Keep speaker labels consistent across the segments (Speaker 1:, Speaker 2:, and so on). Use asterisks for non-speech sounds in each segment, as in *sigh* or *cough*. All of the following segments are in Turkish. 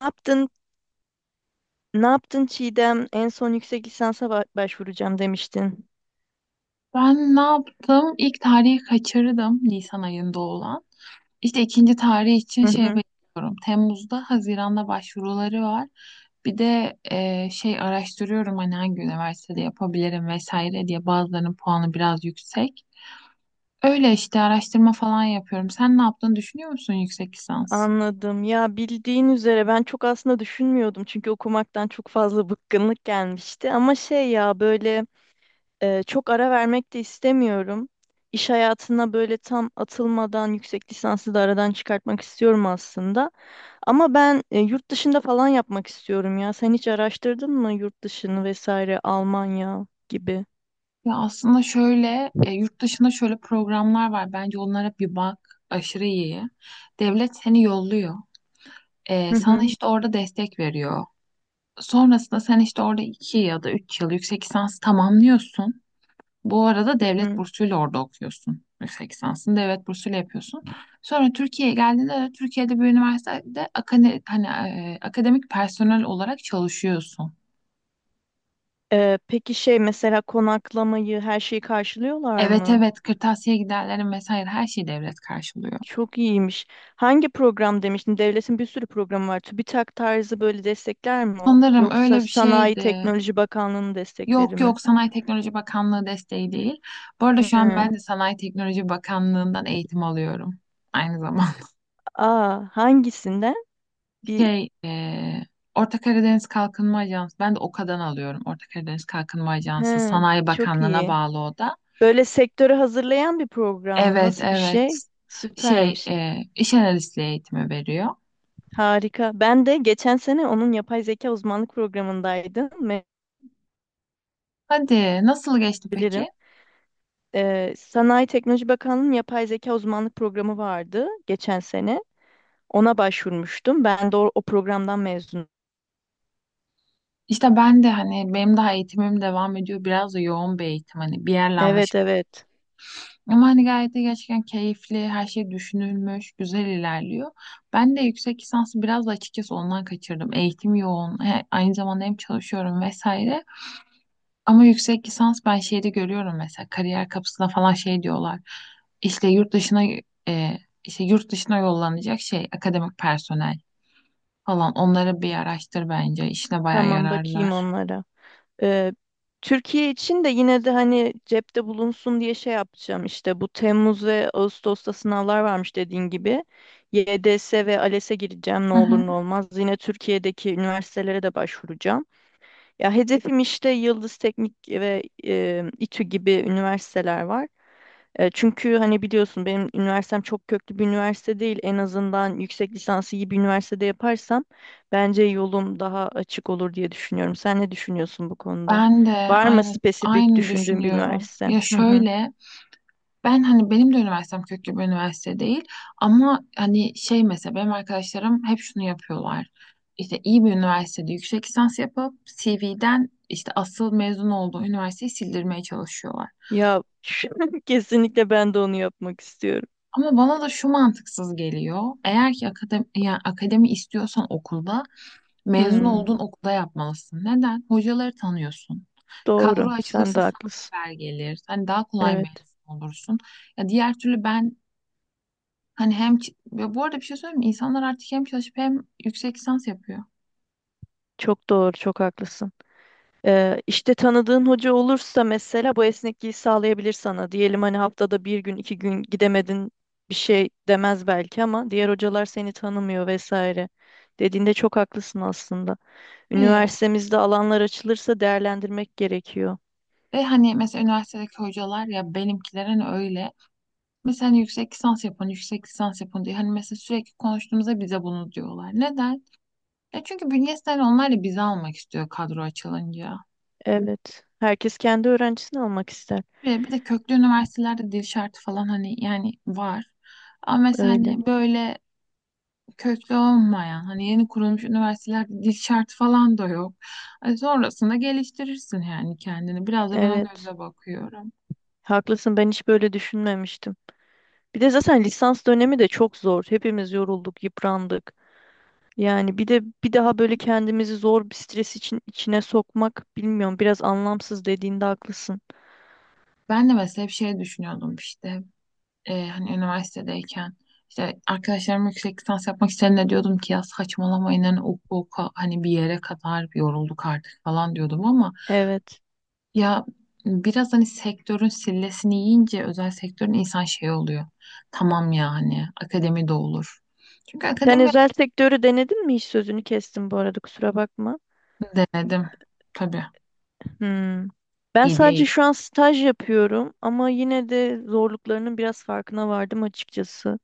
Speaker 1: Ne yaptın? Ne yaptın, Çiğdem? En son yüksek lisansa başvuracağım demiştin.
Speaker 2: Ben ne yaptım? İlk tarihi kaçırdım Nisan ayında olan. İşte ikinci tarih için
Speaker 1: Hı
Speaker 2: şey
Speaker 1: hı,
Speaker 2: bekliyorum. Temmuz'da, Haziran'da başvuruları var. Bir de şey araştırıyorum hani hangi üniversitede yapabilirim vesaire diye bazılarının puanı biraz yüksek. Öyle işte araştırma falan yapıyorum. Sen ne yaptığını düşünüyor musun yüksek lisans?
Speaker 1: anladım. Ya bildiğin üzere ben çok aslında düşünmüyordum çünkü okumaktan çok fazla *laughs* bıkkınlık gelmişti. Ama şey ya böyle çok ara vermek de istemiyorum. İş hayatına böyle tam atılmadan yüksek lisansı da aradan çıkartmak istiyorum aslında. Ama ben yurt dışında falan yapmak istiyorum ya. Sen hiç araştırdın mı yurt dışını vesaire, Almanya gibi?
Speaker 2: Ya aslında şöyle yurt dışında şöyle programlar var. Bence onlara bir bak. Aşırı iyi. Devlet seni yolluyor.
Speaker 1: Hı
Speaker 2: Sana
Speaker 1: hı.
Speaker 2: işte orada destek veriyor. Sonrasında sen işte orada iki ya da üç yıl yüksek lisans tamamlıyorsun. Bu arada devlet
Speaker 1: Hı.
Speaker 2: bursuyla orada okuyorsun. Yüksek lisansını devlet bursuyla yapıyorsun. Sonra Türkiye'ye geldiğinde de Türkiye'de bir üniversitede akademik personel olarak çalışıyorsun.
Speaker 1: Peki şey mesela konaklamayı, her şeyi karşılıyorlar
Speaker 2: Evet,
Speaker 1: mı?
Speaker 2: evet, kırtasiye giderlerim vesaire her şeyi devlet karşılıyor.
Speaker 1: Çok iyiymiş. Hangi program demiştin? Devletin bir sürü programı var. TÜBİTAK tarzı böyle destekler mi, o?
Speaker 2: Sanırım
Speaker 1: Yoksa
Speaker 2: öyle bir
Speaker 1: Sanayi
Speaker 2: şeydi.
Speaker 1: Teknoloji Bakanlığı'nın destekleri
Speaker 2: Yok,
Speaker 1: mi?
Speaker 2: yok, Sanayi Teknoloji Bakanlığı desteği değil. Bu arada şu an
Speaker 1: Hı.
Speaker 2: ben de Sanayi Teknoloji Bakanlığı'ndan eğitim alıyorum. Aynı zamanda.
Speaker 1: Aa, hangisinden? Bir.
Speaker 2: Şey, Orta Karadeniz Kalkınma Ajansı. Ben de OKA'dan alıyorum. Orta Karadeniz Kalkınma Ajansı.
Speaker 1: Hı,
Speaker 2: Sanayi
Speaker 1: çok
Speaker 2: Bakanlığı'na
Speaker 1: iyi.
Speaker 2: bağlı o da.
Speaker 1: Böyle sektörü hazırlayan bir program mı?
Speaker 2: Evet,
Speaker 1: Nasıl bir
Speaker 2: evet.
Speaker 1: şey?
Speaker 2: Şey,
Speaker 1: Süpermiş.
Speaker 2: iş analistliği eğitimi veriyor.
Speaker 1: Harika. Ben de geçen sene onun yapay zeka uzmanlık programındaydım.
Speaker 2: Hadi, nasıl geçti
Speaker 1: Bilirim.
Speaker 2: peki?
Speaker 1: Sanayi Teknoloji Bakanlığı'nın yapay zeka uzmanlık programı vardı geçen sene. Ona başvurmuştum. Ben de o, o programdan mezunum.
Speaker 2: İşte ben de hani benim daha eğitimim devam ediyor. Biraz da yoğun bir eğitim hani bir yerle
Speaker 1: Evet,
Speaker 2: anlaşıp.
Speaker 1: evet.
Speaker 2: Ama hani gayet de gerçekten keyifli, her şey düşünülmüş, güzel ilerliyor. Ben de yüksek lisansı biraz da açıkçası ondan kaçırdım. Eğitim yoğun, aynı zamanda hem çalışıyorum vesaire. Ama yüksek lisans ben şeyde görüyorum mesela kariyer kapısına falan şey diyorlar. İşte yurt dışına e, işte yurt dışına yollanacak şey akademik personel falan onları bir araştır bence. İşine bayağı
Speaker 1: Tamam, bakayım
Speaker 2: yararlar.
Speaker 1: onlara. Ee, Türkiye için de yine de hani cepte bulunsun diye şey yapacağım. İşte bu Temmuz ve Ağustos'ta sınavlar varmış dediğin gibi. YDS ve ALES'e gireceğim, ne
Speaker 2: Hı
Speaker 1: olur
Speaker 2: hı.
Speaker 1: ne olmaz. Yine Türkiye'deki üniversitelere de başvuracağım. Ya, hedefim işte Yıldız Teknik ve İTÜ gibi üniversiteler var. Çünkü hani biliyorsun, benim üniversitem çok köklü bir üniversite değil. En azından yüksek lisansı iyi bir üniversitede yaparsam bence yolum daha açık olur diye düşünüyorum. Sen ne düşünüyorsun bu konuda?
Speaker 2: Ben de
Speaker 1: Var mı
Speaker 2: aynı
Speaker 1: spesifik
Speaker 2: aynı
Speaker 1: düşündüğün bir
Speaker 2: düşünüyorum.
Speaker 1: üniversite?
Speaker 2: Ya
Speaker 1: Hı hı.
Speaker 2: şöyle, ben hani benim de üniversitem köklü bir üniversite değil ama hani şey mesela benim arkadaşlarım hep şunu yapıyorlar. İşte iyi bir üniversitede yüksek lisans yapıp CV'den işte asıl mezun olduğu üniversiteyi sildirmeye çalışıyorlar.
Speaker 1: Ya, *laughs* kesinlikle ben de onu yapmak istiyorum.
Speaker 2: Ama bana da şu mantıksız geliyor. Eğer ki yani akademi istiyorsan okulda mezun
Speaker 1: Hmm,
Speaker 2: olduğun okulda yapmalısın. Neden? Hocaları tanıyorsun. Kadro
Speaker 1: doğru. Sen
Speaker 2: açılırsa
Speaker 1: de
Speaker 2: sana
Speaker 1: haklısın.
Speaker 2: haber gelir. Hani daha kolay
Speaker 1: Evet.
Speaker 2: mezun olursun. Ya diğer türlü ben, hani hem ve bu arada bir şey söyleyeyim mi? İnsanlar artık hem çalışıp hem yüksek lisans yapıyor.
Speaker 1: Çok doğru, çok haklısın. İşte tanıdığın hoca olursa mesela bu esnekliği sağlayabilir sana. Diyelim hani haftada bir gün iki gün gidemedin, bir şey demez belki ama diğer hocalar seni tanımıyor vesaire. Dediğinde çok haklısın aslında.
Speaker 2: Ve,
Speaker 1: Üniversitemizde alanlar açılırsa değerlendirmek gerekiyor.
Speaker 2: ve hani mesela üniversitedeki hocalar ya benimkiler hani öyle. Mesela hani yüksek lisans yapın, yüksek lisans yapın diye. Hani mesela sürekli konuştuğumuzda bize bunu diyorlar. Neden? Ya çünkü bünyesi hani onlar da bizi almak istiyor kadro açılınca.
Speaker 1: Evet. Herkes kendi öğrencisini almak ister.
Speaker 2: Ve bir de köklü üniversitelerde dil şartı falan hani yani var. Ama mesela
Speaker 1: Öyle.
Speaker 2: hani böyle köklü olmayan hani yeni kurulmuş üniversitelerde dil şartı falan da yok. Ay, sonrasında geliştirirsin yani kendini. Biraz da ben o
Speaker 1: Evet.
Speaker 2: gözle bakıyorum.
Speaker 1: Haklısın, ben hiç böyle düşünmemiştim. Bir de zaten lisans dönemi de çok zor. Hepimiz yorulduk, yıprandık. Yani bir de bir daha böyle kendimizi zor bir stres için içine sokmak, bilmiyorum, biraz anlamsız dediğinde haklısın.
Speaker 2: Ben de mesela hep şey düşünüyordum işte hani üniversitedeyken işte arkadaşlarım yüksek lisans yapmak isteyenler diyordum ki ya saçmalamayın hani oku oku hani bir yere kadar yorulduk artık falan diyordum ama
Speaker 1: Evet.
Speaker 2: ya biraz hani sektörün sillesini yiyince özel sektörün insan şey oluyor. Tamam yani akademi de olur. Çünkü
Speaker 1: Sen
Speaker 2: akademi.
Speaker 1: özel sektörü denedin mi hiç? Sözünü kestim bu arada, kusura bakma.
Speaker 2: Denedim. Tabii.
Speaker 1: Hmm. Ben
Speaker 2: İyi değil.
Speaker 1: sadece şu an staj yapıyorum ama yine de zorluklarının biraz farkına vardım açıkçası.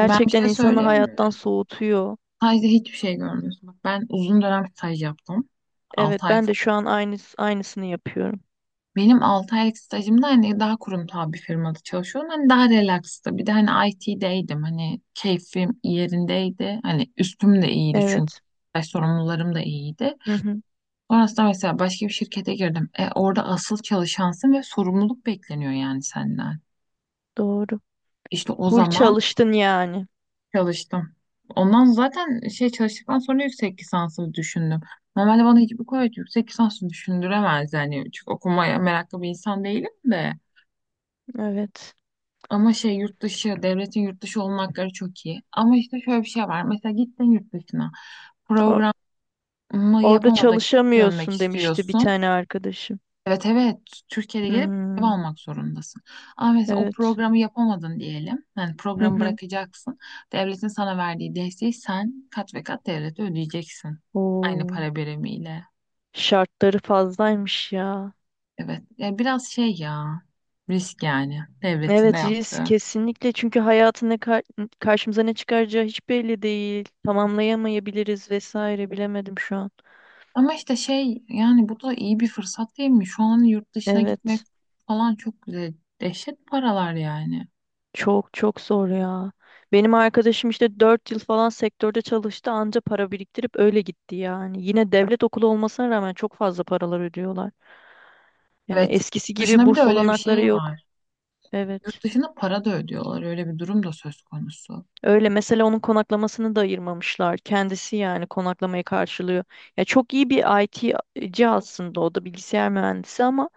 Speaker 2: Ben bir şey
Speaker 1: insanı
Speaker 2: söyleyeyim
Speaker 1: hayattan
Speaker 2: mi?
Speaker 1: soğutuyor.
Speaker 2: Stajda hiçbir şey görmüyorsun. Bak ben uzun dönem staj yaptım.
Speaker 1: Evet,
Speaker 2: 6 ay
Speaker 1: ben de
Speaker 2: falan.
Speaker 1: şu an aynı aynısını yapıyorum.
Speaker 2: Benim 6 aylık stajımda hani daha kurumsal bir firmada çalışıyordum. Hani daha relaxtı. Bir de hani IT'deydim. Hani keyfim yerindeydi. Hani üstüm de iyiydi çünkü.
Speaker 1: Evet.
Speaker 2: Staj sorumlularım da iyiydi.
Speaker 1: Hı hı,
Speaker 2: Sonrasında mesela başka bir şirkete girdim. Orada asıl çalışansın ve sorumluluk bekleniyor yani senden.
Speaker 1: doğru.
Speaker 2: İşte o
Speaker 1: Full
Speaker 2: zaman
Speaker 1: çalıştın yani.
Speaker 2: çalıştım. Ondan zaten şey çalıştıktan sonra yüksek lisansı düşündüm. Normalde bana hiçbir kolej yüksek lisansı düşündüremez yani. Çünkü okumaya meraklı bir insan değilim de.
Speaker 1: Evet.
Speaker 2: Ama şey yurt dışı, devletin yurt dışı olma hakları çok iyi. Ama işte şöyle bir şey var. Mesela gittin yurt dışına.
Speaker 1: O-
Speaker 2: Programı
Speaker 1: orada
Speaker 2: yapamadın, dönmek
Speaker 1: çalışamıyorsun demişti bir
Speaker 2: istiyorsun.
Speaker 1: tane arkadaşım.
Speaker 2: Evet, evet, Türkiye'de gelip ev
Speaker 1: Hmm,
Speaker 2: almak zorundasın. Ama mesela o
Speaker 1: evet.
Speaker 2: programı yapamadın diyelim. Yani
Speaker 1: Hı
Speaker 2: programı
Speaker 1: hı.
Speaker 2: bırakacaksın. Devletin sana verdiği desteği sen kat ve kat devlete ödeyeceksin. Aynı
Speaker 1: Oo,
Speaker 2: para birimiyle.
Speaker 1: şartları fazlaymış ya.
Speaker 2: Evet. Ya biraz şey ya. Risk yani. Devletin de
Speaker 1: Evet, risk
Speaker 2: yaptığı.
Speaker 1: kesinlikle, çünkü hayatın ne karşımıza ne çıkaracağı hiç belli değil. Tamamlayamayabiliriz vesaire, bilemedim şu an.
Speaker 2: Ama işte şey yani bu da iyi bir fırsat değil mi? Şu an yurt dışına gitmek
Speaker 1: Evet.
Speaker 2: falan çok güzel. Dehşet paralar yani.
Speaker 1: Çok çok zor ya. Benim arkadaşım işte 4 yıl falan sektörde çalıştı, anca para biriktirip öyle gitti yani. Yine devlet okulu olmasına rağmen çok fazla paralar ödüyorlar. Yani
Speaker 2: Evet.
Speaker 1: eskisi gibi
Speaker 2: Dışına bir de
Speaker 1: burs
Speaker 2: öyle bir
Speaker 1: olanakları
Speaker 2: şey
Speaker 1: yok.
Speaker 2: var. Yurt
Speaker 1: Evet.
Speaker 2: dışına para da ödüyorlar. Öyle bir durum da söz konusu.
Speaker 1: Öyle, mesela onun konaklamasını da ayırmamışlar. Kendisi yani konaklamayı karşılıyor. Ya çok iyi bir IT'ci aslında, o da bilgisayar mühendisi, ama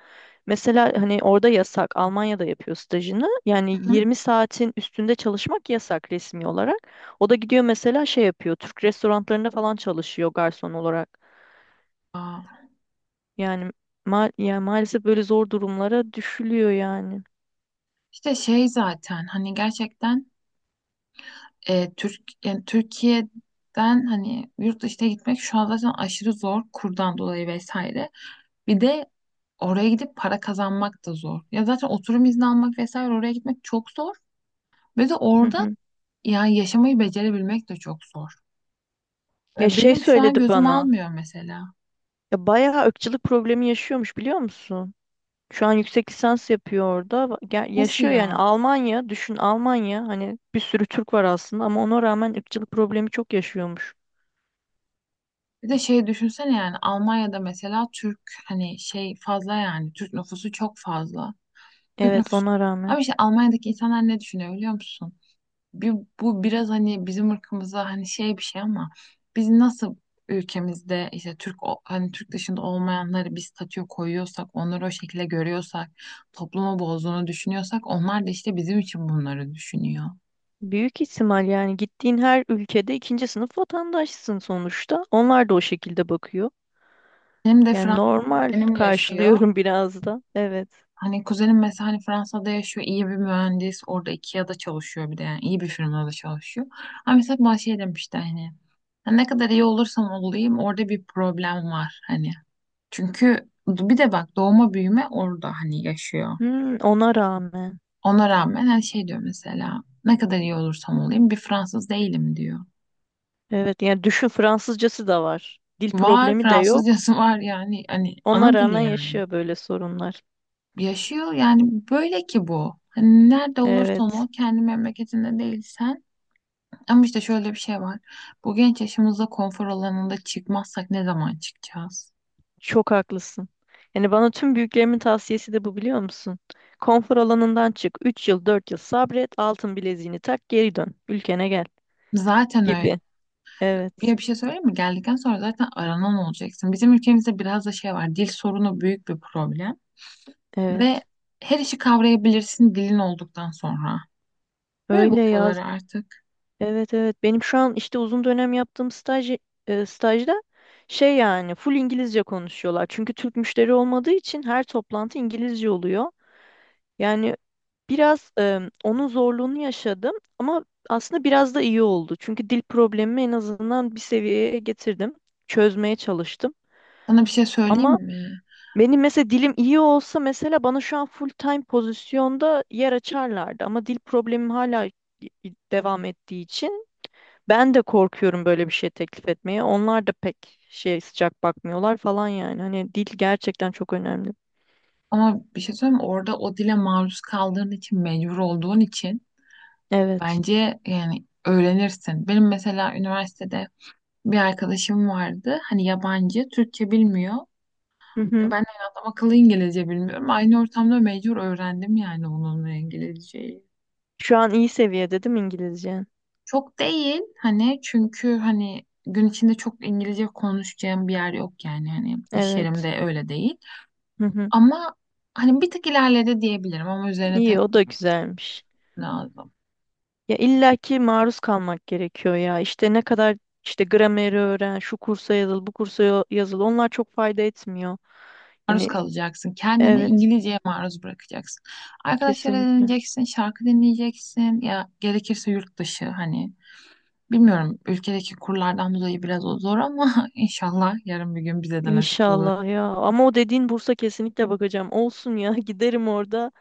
Speaker 1: mesela hani orada yasak, Almanya'da yapıyor stajını. Yani
Speaker 2: Hı?
Speaker 1: 20 saatin üstünde çalışmak yasak resmi olarak. O da gidiyor, mesela şey yapıyor, Türk restoranlarında falan çalışıyor garson olarak.
Speaker 2: Aa,
Speaker 1: Yani, yani maalesef böyle zor durumlara düşülüyor yani.
Speaker 2: işte şey zaten hani gerçekten Türk yani Türkiye'den hani yurt dışına gitmek şu an zaten aşırı zor kurdan dolayı vesaire. Bir de oraya gidip para kazanmak da zor. Ya zaten oturum izni almak vesaire oraya gitmek çok zor. Ve de
Speaker 1: Hı
Speaker 2: orada
Speaker 1: hı.
Speaker 2: ya yaşamayı becerebilmek de çok zor.
Speaker 1: Ya
Speaker 2: Ve
Speaker 1: şey
Speaker 2: benim şu an
Speaker 1: söyledi
Speaker 2: gözüm
Speaker 1: bana.
Speaker 2: almıyor mesela.
Speaker 1: Ya bayağı ırkçılık problemi yaşıyormuş, biliyor musun? Şu an yüksek lisans yapıyor orada.
Speaker 2: Nasıl
Speaker 1: Yaşıyor yani,
Speaker 2: ya?
Speaker 1: Almanya. Düşün, Almanya. Hani bir sürü Türk var aslında ama ona rağmen ırkçılık problemi çok yaşıyormuş.
Speaker 2: Bir de şey düşünsene yani Almanya'da mesela Türk hani şey fazla yani Türk nüfusu çok fazla. Türk
Speaker 1: Evet,
Speaker 2: nüfusu.
Speaker 1: ona rağmen.
Speaker 2: Ama işte Almanya'daki insanlar ne düşünüyor biliyor musun? Bir, bu biraz hani bizim ırkımıza hani şey bir şey ama biz nasıl ülkemizde işte Türk hani Türk dışında olmayanları bir statüye koyuyorsak, onları o şekilde görüyorsak, toplumu bozduğunu düşünüyorsak onlar da işte bizim için bunları düşünüyor.
Speaker 1: Büyük ihtimal, yani gittiğin her ülkede ikinci sınıf vatandaşsın sonuçta. Onlar da o şekilde bakıyor.
Speaker 2: Benim de
Speaker 1: Yani
Speaker 2: Fransız
Speaker 1: normal
Speaker 2: benim yaşıyor.
Speaker 1: karşılıyorum *laughs* biraz da. Evet.
Speaker 2: Hani kuzenim mesela hani Fransa'da yaşıyor, iyi bir mühendis, orada IKEA'da çalışıyor bir de yani iyi bir firmada çalışıyor. Ama mesela bana şey demişti hani: "Ya ne kadar iyi olursam olayım orada bir problem var hani. Çünkü bir de bak doğma büyüme orada hani yaşıyor.
Speaker 1: Hmm, ona rağmen.
Speaker 2: Ona rağmen her şey diyor mesela ne kadar iyi olursam olayım bir Fransız değilim diyor.
Speaker 1: Evet, yani düşün, Fransızcası da var. Dil
Speaker 2: Var
Speaker 1: problemi de yok.
Speaker 2: Fransızcası *laughs* var yani hani
Speaker 1: Ona
Speaker 2: ana dili
Speaker 1: rağmen
Speaker 2: yani.
Speaker 1: yaşıyor böyle sorunlar.
Speaker 2: Yaşıyor yani böyle ki bu. Hani nerede olursan ol
Speaker 1: Evet.
Speaker 2: kendi memleketinde değilsen. Ama işte şöyle bir şey var. Bu genç yaşımızda konfor alanında çıkmazsak ne zaman çıkacağız?
Speaker 1: Çok haklısın. Yani bana tüm büyüklerimin tavsiyesi de bu, biliyor musun? Konfor alanından çık. 3 yıl 4 yıl sabret. Altın bileziğini tak, geri dön. Ülkene gel
Speaker 2: Zaten öyle.
Speaker 1: gibi. Evet.
Speaker 2: Bir şey söyleyeyim mi? Geldikten sonra zaten aranan olacaksın. Bizim ülkemizde biraz da şey var. Dil sorunu büyük bir problem. Ve
Speaker 1: Evet.
Speaker 2: her işi kavrayabilirsin dilin olduktan sonra. Böyle
Speaker 1: Öyle
Speaker 2: bakıyorlar
Speaker 1: yaz.
Speaker 2: artık.
Speaker 1: Evet, evet. Benim şu an işte uzun dönem yaptığım stajda şey yani full İngilizce konuşuyorlar. Çünkü Türk müşteri olmadığı için her toplantı İngilizce oluyor. Yani biraz onun zorluğunu yaşadım ama aslında biraz da iyi oldu. Çünkü dil problemimi en azından bir seviyeye getirdim. Çözmeye çalıştım.
Speaker 2: Sana bir şey söyleyeyim
Speaker 1: Ama
Speaker 2: mi?
Speaker 1: benim mesela dilim iyi olsa, mesela bana şu an full time pozisyonda yer açarlardı. Ama dil problemim hala devam ettiği için ben de korkuyorum böyle bir şey teklif etmeye. Onlar da pek şey sıcak bakmıyorlar falan yani. Hani dil gerçekten çok önemli.
Speaker 2: Ama bir şey söyleyeyim mi? Orada o dile maruz kaldığın için, mecbur olduğun için
Speaker 1: Evet.
Speaker 2: bence yani öğrenirsin. Benim mesela üniversitede bir arkadaşım vardı. Hani yabancı, Türkçe bilmiyor.
Speaker 1: Hı
Speaker 2: Ben de
Speaker 1: hı.
Speaker 2: hani adam akıllı İngilizce bilmiyorum. Aynı ortamda mecbur öğrendim yani onunla İngilizceyi.
Speaker 1: Şu an iyi seviyede değil mi İngilizce?
Speaker 2: Çok değil hani çünkü hani gün içinde çok İngilizce konuşacağım bir yer yok yani hani iş
Speaker 1: Evet.
Speaker 2: yerimde öyle değil.
Speaker 1: Hı hı.
Speaker 2: Ama hani bir tık ilerledi diyebilirim ama üzerine
Speaker 1: İyi,
Speaker 2: tek
Speaker 1: o da güzelmiş.
Speaker 2: lazım.
Speaker 1: Ya illaki maruz kalmak gerekiyor ya. İşte ne kadar işte grameri öğren, şu kursa yazıl, bu kursa yazıl. Onlar çok fayda etmiyor.
Speaker 2: Maruz
Speaker 1: Yani
Speaker 2: kalacaksın. Kendini
Speaker 1: evet,
Speaker 2: İngilizceye maruz bırakacaksın. Arkadaşlara
Speaker 1: kesinlikle.
Speaker 2: dinleyeceksin, şarkı dinleyeceksin ya gerekirse yurt dışı hani. Bilmiyorum ülkedeki kurlardan dolayı biraz o zor ama *laughs* inşallah yarın bir gün bize de nasip olur.
Speaker 1: İnşallah ya. Ama o dediğin bursa kesinlikle bakacağım. Olsun ya, *laughs* giderim orada.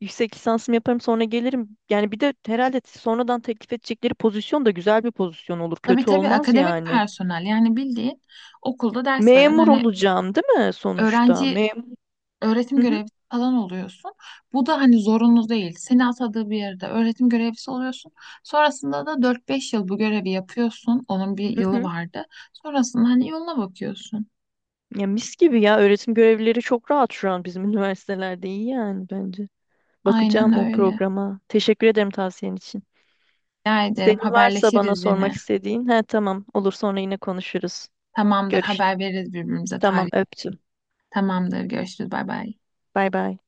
Speaker 1: Yüksek lisansımı yaparım sonra gelirim. Yani bir de herhalde sonradan teklif edecekleri pozisyon da güzel bir pozisyon olur.
Speaker 2: Tabii
Speaker 1: Kötü
Speaker 2: tabii
Speaker 1: olmaz
Speaker 2: akademik
Speaker 1: yani.
Speaker 2: personel yani bildiğin okulda ders veren
Speaker 1: Memur
Speaker 2: hani
Speaker 1: olacağım değil mi sonuçta?
Speaker 2: öğrenci
Speaker 1: Memur.
Speaker 2: öğretim görevlisi falan oluyorsun. Bu da hani zorunlu değil. Seni atadığı bir yerde öğretim görevlisi oluyorsun. Sonrasında da 4 5 yıl bu görevi yapıyorsun. Onun bir yılı vardı. Sonrasında hani yoluna bakıyorsun.
Speaker 1: Ya mis gibi ya, öğretim görevlileri çok rahat şu an bizim *laughs* üniversitelerde, iyi yani bence.
Speaker 2: Aynen
Speaker 1: Bakacağım o
Speaker 2: öyle.
Speaker 1: programa. Teşekkür ederim tavsiyen için.
Speaker 2: Rica ederim
Speaker 1: Senin varsa bana
Speaker 2: haberleşiriz yine.
Speaker 1: sormak istediğin. He, tamam, olur sonra yine konuşuruz.
Speaker 2: Tamamdır
Speaker 1: Görüş.
Speaker 2: haber veririz birbirimize
Speaker 1: Tamam,
Speaker 2: tarih.
Speaker 1: öptüm.
Speaker 2: Tamamdır görüşürüz bay bay.
Speaker 1: Bay bay.